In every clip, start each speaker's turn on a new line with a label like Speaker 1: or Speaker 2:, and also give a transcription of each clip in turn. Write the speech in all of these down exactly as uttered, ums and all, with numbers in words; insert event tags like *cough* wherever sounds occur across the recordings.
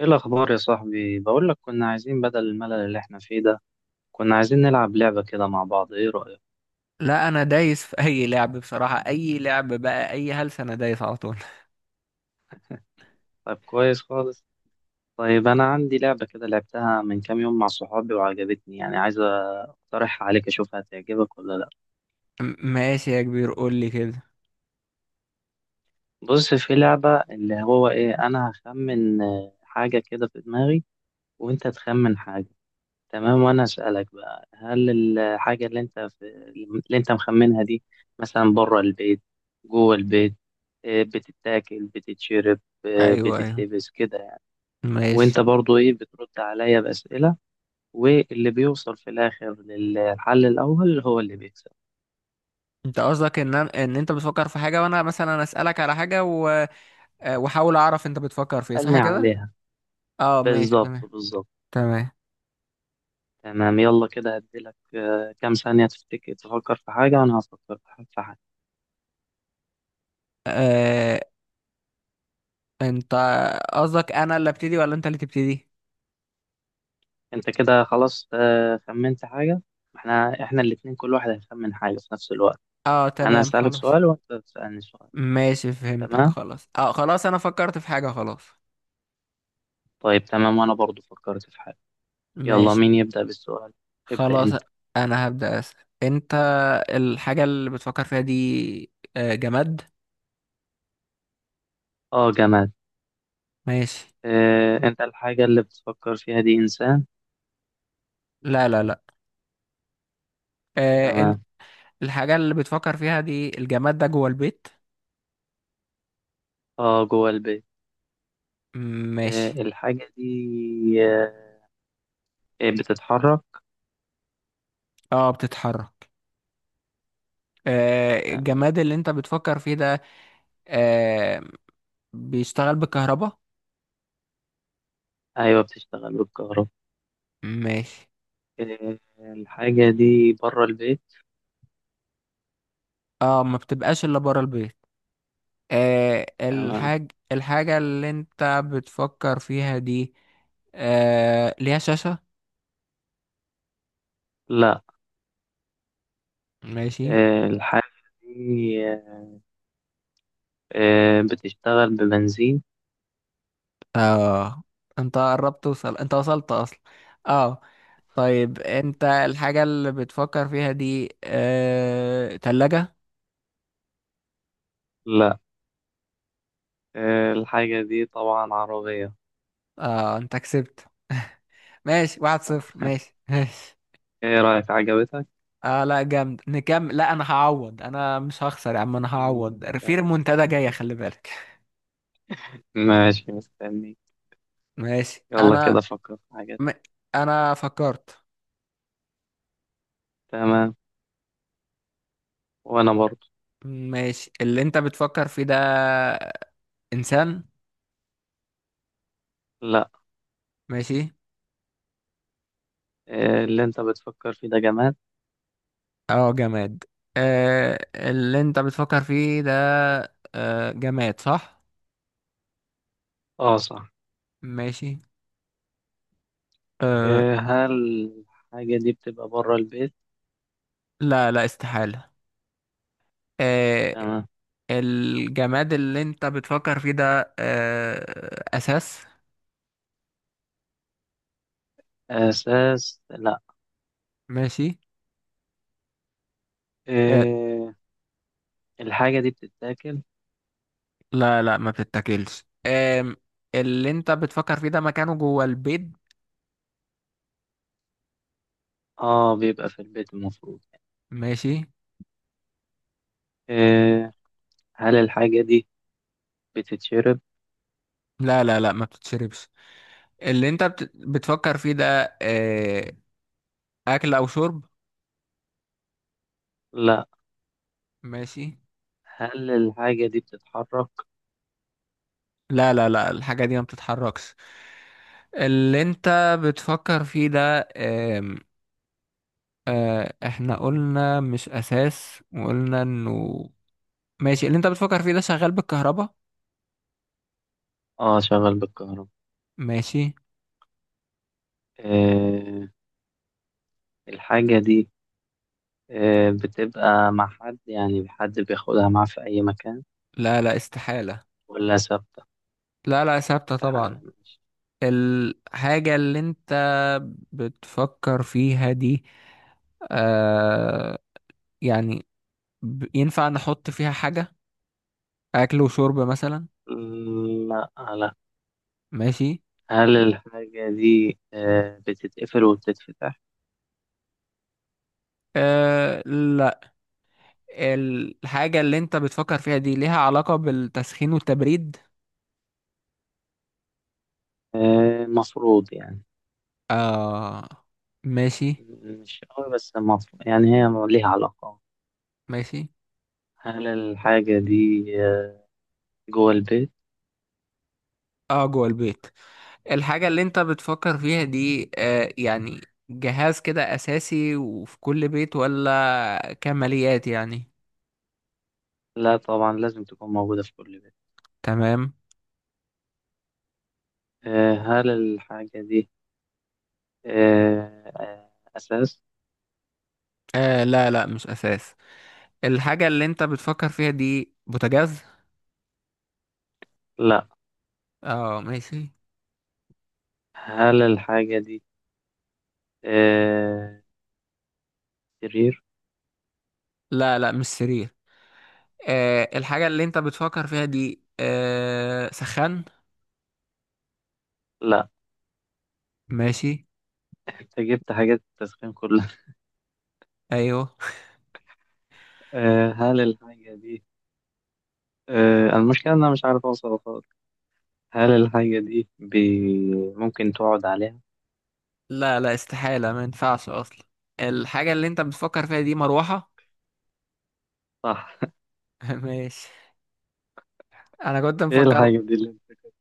Speaker 1: ايه الاخبار يا صاحبي؟ بقول لك كنا عايزين بدل الملل اللي احنا فيه ده، كنا عايزين نلعب لعبة كده مع بعض. ايه رأيك؟
Speaker 2: لا، انا دايس في اي لعب، بصراحة اي لعب، بقى اي هلس انا دايس على طول.
Speaker 1: طيب، كويس خالص. طيب، انا عندي لعبة كده لعبتها من كام يوم مع صحابي وعجبتني، يعني عايز اقترحها عليك، اشوف هتعجبك ولا لا.
Speaker 2: م- ماشي يا كبير، قول لي كده.
Speaker 1: بص، في لعبة اللي هو ايه، انا هخمن آه، حاجة كده في دماغي، وانت تخمن حاجة. تمام، وانا اسالك بقى، هل الحاجه اللي انت في اللي انت مخمنها دي، مثلا بره البيت، جوه البيت، آه، بتتاكل، بتتشرب، آه،
Speaker 2: ايوه، ايوه،
Speaker 1: بتتلبس، كده يعني. وانت
Speaker 2: ماشي.
Speaker 1: برضو ايه، بترد عليا باسئله، واللي بيوصل في الاخر للحل الاول هو اللي بيكسب.
Speaker 2: انت قصدك ان أنا- ان انت بتفكر في حاجة، وانا مثلا اسألك على حاجة و آه، واحاول اعرف انت بتفكر في ايه، صح
Speaker 1: اسالني
Speaker 2: كده؟
Speaker 1: عليها.
Speaker 2: اه، ماشي،
Speaker 1: بالظبط،
Speaker 2: تمام،
Speaker 1: بالظبط.
Speaker 2: تمام.
Speaker 1: تمام، يلا كده هديلك آه، كام ثانيه تفتكر، تفكر في حاجه وانا هفكر في حاجه.
Speaker 2: آه... انت قصدك انا اللي ابتدي ولا انت اللي تبتدي؟
Speaker 1: انت كده خلاص، آه، خمنت حاجة. احنا احنا الاتنين كل واحد هيخمن حاجة في نفس الوقت.
Speaker 2: اه،
Speaker 1: انا
Speaker 2: تمام،
Speaker 1: هسألك
Speaker 2: خلاص.
Speaker 1: سؤال وانت تسألني سؤال.
Speaker 2: ماشي، فهمتك
Speaker 1: تمام.
Speaker 2: خلاص، اه خلاص انا فكرت في حاجة خلاص.
Speaker 1: طيب، تمام، وانا برضو فكرت في حاجة. يلا،
Speaker 2: ماشي،
Speaker 1: مين يبدأ بالسؤال؟ ابدأ
Speaker 2: خلاص،
Speaker 1: انت.
Speaker 2: انا هبدأ اسأل. انت، الحاجة اللي بتفكر فيها دي آه، جماد؟
Speaker 1: اه، جماد.
Speaker 2: ماشي.
Speaker 1: اه، انت الحاجة اللي بتفكر فيها دي انسان؟
Speaker 2: لا، لا، لا. آه، انت،
Speaker 1: تمام.
Speaker 2: الحاجة اللي بتفكر فيها دي، الجماد ده جوه البيت؟
Speaker 1: اه، جوه البيت. اه،
Speaker 2: ماشي.
Speaker 1: الحاجة دي، اه آه، بتتحرك.
Speaker 2: اه، بتتحرك؟ آه،
Speaker 1: تمام.
Speaker 2: الجماد اللي انت بتفكر فيه ده آه، بيشتغل بالكهرباء؟
Speaker 1: ايوه، بتشتغل بالكهرباء.
Speaker 2: ماشي.
Speaker 1: اه، الحاجة دي بره البيت.
Speaker 2: اه، ما بتبقاش الا بره البيت. آه،
Speaker 1: تمام.
Speaker 2: الحاج الحاجة اللي انت بتفكر فيها دي آه، ليها شاشة؟
Speaker 1: لا.
Speaker 2: ماشي.
Speaker 1: اه، الحاجة دي آه، آه، بتشتغل ببنزين.
Speaker 2: اه، انت قربت توصل، انت وصلت اصلا، اه. طيب، انت، الحاجة اللي بتفكر فيها دي آه... تلاجة؟
Speaker 1: لا. آه، الحاجة دي طبعا عربية.
Speaker 2: اه، انت كسبت. ماشي، واحد صفر،
Speaker 1: صح.
Speaker 2: ماشي، ماشي.
Speaker 1: ايه رأيك، عجبتك؟
Speaker 2: اه، لا جامد، نكمل. لا انا هعوض، انا مش هخسر يا عم، انا
Speaker 1: مم،
Speaker 2: هعوض في
Speaker 1: جامد.
Speaker 2: منتدى جاية، خلي بالك.
Speaker 1: ماشي، مستني.
Speaker 2: ماشي.
Speaker 1: يلا كده
Speaker 2: انا
Speaker 1: فكر في حاجات.
Speaker 2: م... انا فكرت.
Speaker 1: تمام. وانا برضو.
Speaker 2: ماشي. اللي انت بتفكر فيه ده انسان؟
Speaker 1: لا.
Speaker 2: ماشي.
Speaker 1: آه، اللي انت بتفكر فيه ده جماد.
Speaker 2: اه، جماد. آه اللي انت بتفكر فيه ده آه جماد، صح؟
Speaker 1: اه، صح.
Speaker 2: ماشي. آه
Speaker 1: آه، هل الحاجة دي بتبقى بره البيت؟
Speaker 2: لا، لا، استحالة. آه
Speaker 1: تمام.
Speaker 2: الجماد اللي انت بتفكر فيه ده آه اساس؟
Speaker 1: اساس، لا.
Speaker 2: ماشي. آه
Speaker 1: آه، الحاجة دي بتتاكل؟
Speaker 2: لا، لا، ما بتتاكلش، آه. اللي انت بتفكر فيه ده مكانه جوه البيت؟
Speaker 1: اه، بيبقى في البيت المفروض.
Speaker 2: ماشي.
Speaker 1: آه، هل الحاجة دي بتتشرب؟
Speaker 2: لا، لا، لا، ما بتتشربش. اللي انت بت- بتفكر فيه ده آه اكل او شرب؟
Speaker 1: لا.
Speaker 2: ماشي.
Speaker 1: هل الحاجة دي بتتحرك؟
Speaker 2: لا، لا، لا، الحاجة دي ما بتتحركش. اللي انت بتفكر فيه ده آم، آه، احنا قلنا مش اساس، وقلنا انه. ماشي، اللي انت بتفكر فيه ده شغال بالكهرباء؟
Speaker 1: اه، شغال بالكهرباء.
Speaker 2: ماشي.
Speaker 1: آه الحاجة دي آه بتبقى مع حد، يعني حد بياخدها معاه في أي مكان،
Speaker 2: لا، لا، استحالة.
Speaker 1: ولا ثابتة؟
Speaker 2: لا، لا، ثابتة
Speaker 1: في حالة
Speaker 2: طبعا.
Speaker 1: ماشي.
Speaker 2: الحاجة اللي انت بتفكر فيها دي آه يعني ب- ينفع نحط فيها حاجة، اكل وشرب مثلا؟
Speaker 1: مم، لا. لا.
Speaker 2: ماشي.
Speaker 1: هل الحاجة دي آه بتتقفل وبتتفتح؟
Speaker 2: آه لا. الحاجة اللي انت بتفكر فيها دي ليها علاقة بالتسخين والتبريد؟
Speaker 1: آه مفروض يعني.
Speaker 2: آه، ماشي.
Speaker 1: مش قوي بس مفروض يعني، هي ليها علاقة.
Speaker 2: ماشي.
Speaker 1: هل الحاجة دي آه جوه البيت؟
Speaker 2: اه، جوه البيت. الحاجة اللي انت بتفكر فيها دي آه يعني جهاز كده أساسي وفي كل بيت ولا كماليات يعني؟
Speaker 1: لا، طبعا لازم تكون موجودة في كل بيت.
Speaker 2: تمام.
Speaker 1: آه هل الحاجة دي آه، آه، أساس؟
Speaker 2: آه لا، لا، مش أساس. الحاجة اللي انت بتفكر فيها دي بوتاجاز؟
Speaker 1: لا.
Speaker 2: اه، ماشي.
Speaker 1: هل الحاجة دي آه، سرير؟
Speaker 2: لا، لا، مش سرير. آه الحاجة اللي انت بتفكر فيها دي آه سخان؟
Speaker 1: لا.
Speaker 2: ماشي،
Speaker 1: أنت جبت حاجات التسخين كلها.
Speaker 2: ايوه.
Speaker 1: *laughs* آه، هل الحاجة دي آه، المشكلة إن أنا مش عارف أوصل خالص. هل الحاجة دي بي... ممكن تقعد عليها؟
Speaker 2: لا، لا، استحالة، ما ينفعش أصلا. الحاجة اللي أنت بتفكر فيها دي مروحة؟
Speaker 1: صح.
Speaker 2: *laughs* ماشي. أنا كنت
Speaker 1: *laughs* إيه
Speaker 2: مفكر،
Speaker 1: الحاجة دي اللي أنت كنت-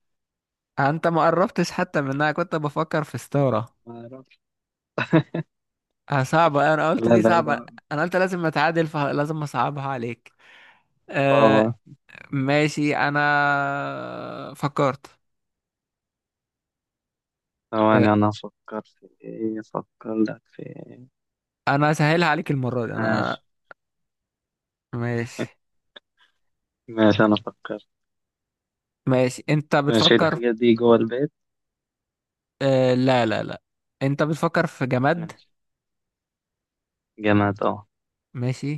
Speaker 2: أنت ما قربتش حتى منها، كنت بفكر في ستارة.
Speaker 1: ما أعرفش.
Speaker 2: آه، صعبة، أنا قلت
Speaker 1: لا،
Speaker 2: دي صعبة.
Speaker 1: بعيدة.
Speaker 2: أنا قلت لازم أتعادل فلازم أصعبها عليك،
Speaker 1: طبعا.
Speaker 2: أه. ماشي، أنا فكرت. أه،
Speaker 1: ثواني، أنا أفكر في إيه أفكر لك في إيه.
Speaker 2: أنا سهلها عليك المرة دي، أنا.
Speaker 1: ماشي.
Speaker 2: ماشي.
Speaker 1: ماشي، أنا أفكر.
Speaker 2: ماشي، أنت
Speaker 1: ماشي،
Speaker 2: بتفكر.
Speaker 1: الحاجة دي جوه البيت؟
Speaker 2: أه، لا، لا، لا، أنت بتفكر في جماد.
Speaker 1: ماشي. جامد، أه.
Speaker 2: ماشي.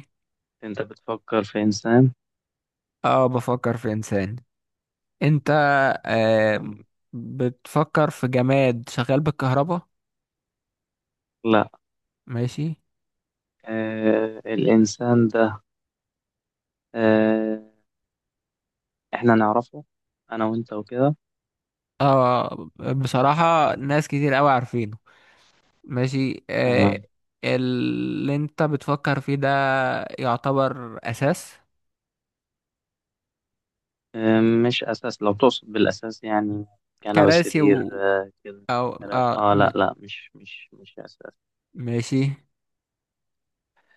Speaker 1: أنت بتفكر في إنسان؟
Speaker 2: أه، بفكر في إنسان. انت آه
Speaker 1: أم،
Speaker 2: بتفكر في جماد شغال بالكهرباء؟
Speaker 1: لا.
Speaker 2: ماشي.
Speaker 1: آه، الإنسان ده آه إحنا نعرفه، أنا وأنت وكده؟
Speaker 2: اه، بصراحة ناس كتير قوي عارفينه. ماشي. آه
Speaker 1: تمام.
Speaker 2: اللي انت بتفكر فيه ده يعتبر اساس؟
Speaker 1: آه، مش أساس لو تقصد بالأساس، يعني كنبة،
Speaker 2: كراسي
Speaker 1: سرير.
Speaker 2: و،
Speaker 1: آه، كده،
Speaker 2: او،
Speaker 1: كراسي.
Speaker 2: اه،
Speaker 1: آه،
Speaker 2: م...
Speaker 1: لا، لا، مش مش مش أساس.
Speaker 2: ماشي.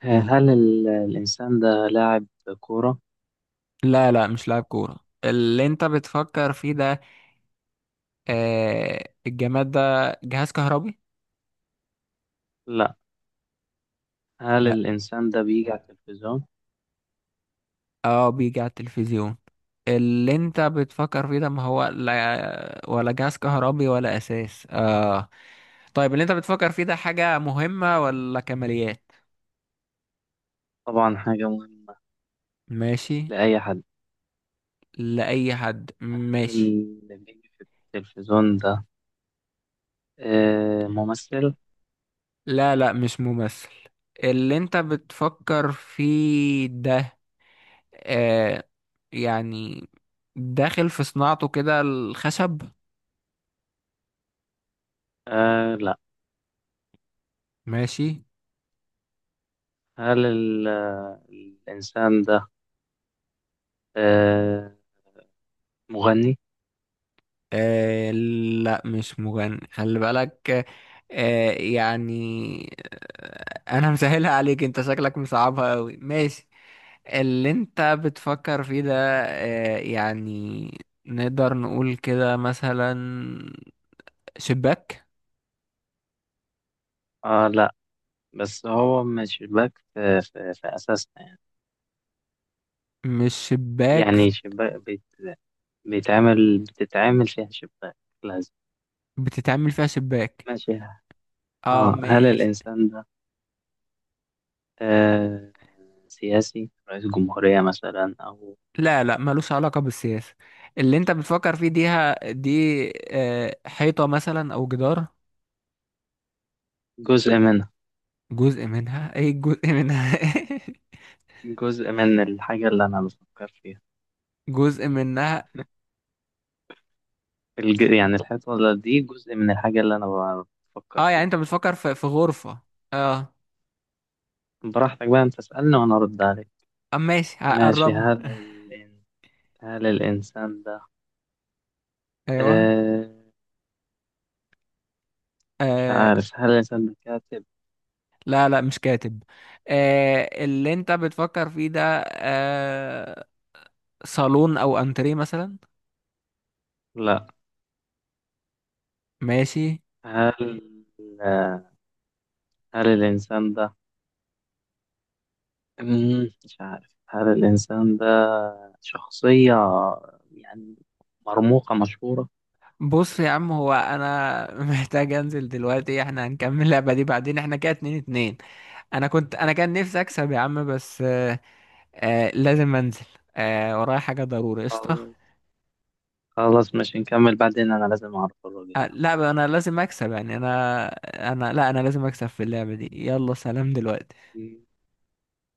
Speaker 1: آه هل ال- الإنسان ده لاعب كورة؟
Speaker 2: لا، لا، مش لاعب كورة. اللي انت بتفكر فيه ده آه الجماد ده جهاز كهربي؟
Speaker 1: لا. هل
Speaker 2: لا،
Speaker 1: الإنسان ده بيجي على التلفزيون؟
Speaker 2: اه، بيجي على التلفزيون. اللي انت بتفكر فيه ده، ما هو لا ولا جهاز كهربي ولا اساس، اه. طيب، اللي انت بتفكر فيه ده حاجة مهمة ولا كماليات؟
Speaker 1: طبعا، حاجة مهمة.
Speaker 2: ماشي.
Speaker 1: لأي حد.
Speaker 2: لأي حد،
Speaker 1: هل
Speaker 2: ماشي.
Speaker 1: اللي بيجي في التلفزيون ده آه ممثل؟
Speaker 2: لا، لا، مش ممثل. اللي انت بتفكر فيه ده آه يعني داخل في صناعته كده الخشب؟
Speaker 1: آه، لا.
Speaker 2: ماشي.
Speaker 1: هل ال- الإنسان ده آه، مغني؟
Speaker 2: آه لا، مش مغني، خلي بالك. آه يعني آه انا مسهلها عليك، انت شكلك مصعبها قوي، ماشي. اللي انت بتفكر فيه ده آه يعني نقدر نقول كده مثلا شباك؟
Speaker 1: آه، لا. بس هو مش شباك، في, في, في أساسنا يعني.
Speaker 2: مش شباك،
Speaker 1: يعني شباك بيت بيتعمل، بتتعامل فيها شباك لازم.
Speaker 2: بتتعمل فيها شباك،
Speaker 1: ماشي.
Speaker 2: اه،
Speaker 1: آه هل
Speaker 2: ماشي.
Speaker 1: الإنسان ده آه سياسي، رئيس جمهورية مثلا، أو
Speaker 2: لا، لا، ملوش علاقة بالسياسة. اللي انت بتفكر فيه ديها دي آه حيطة مثلا او جدار؟
Speaker 1: جزء منها؟
Speaker 2: جزء منها؟ ايه جزء منها؟ *laughs*
Speaker 1: جزء من الحاجة اللي أنا بفكر فيها.
Speaker 2: جزء منها،
Speaker 1: الج... يعني الحيطة دي جزء من الحاجة اللي أنا بفكر
Speaker 2: اه. يعني
Speaker 1: فيها.
Speaker 2: انت بتفكر في في غرفة، اه.
Speaker 1: براحتك بقى، أنت اسألني وأنا أرد عليك.
Speaker 2: اه، ماشي،
Speaker 1: ماشي.
Speaker 2: قربنا.
Speaker 1: هل
Speaker 2: *laughs*
Speaker 1: الإن... هل الإنسان ده
Speaker 2: ايوه.
Speaker 1: آه... مش
Speaker 2: آه
Speaker 1: عارف، هل الإنسان ده كاتب؟
Speaker 2: لا، لا، مش كاتب. آه اللي انت بتفكر فيه ده آه صالون او انتريه مثلا؟
Speaker 1: لا.
Speaker 2: ماشي.
Speaker 1: هل آه، هل الإنسان ده مم، مش عارف، هل الإنسان ده شخصية يعني مرموقة، مشهورة؟
Speaker 2: بص يا عم، هو انا *laughs* محتاج انزل دلوقتي، احنا هنكمل اللعبة دي بعدين، احنا كده اتنين اتنين. انا كنت انا كان نفسي اكسب يا عم، بس آه آه لازم انزل. آه ورايا حاجة ضروري، قشطة.
Speaker 1: خلاص. خلاص، مش نكمل بعدين، أنا لازم أعرف
Speaker 2: آه،
Speaker 1: الراجل
Speaker 2: لا انا لازم اكسب، يعني انا انا لا انا لازم اكسب في اللعبة دي، يلا سلام دلوقتي.
Speaker 1: ده.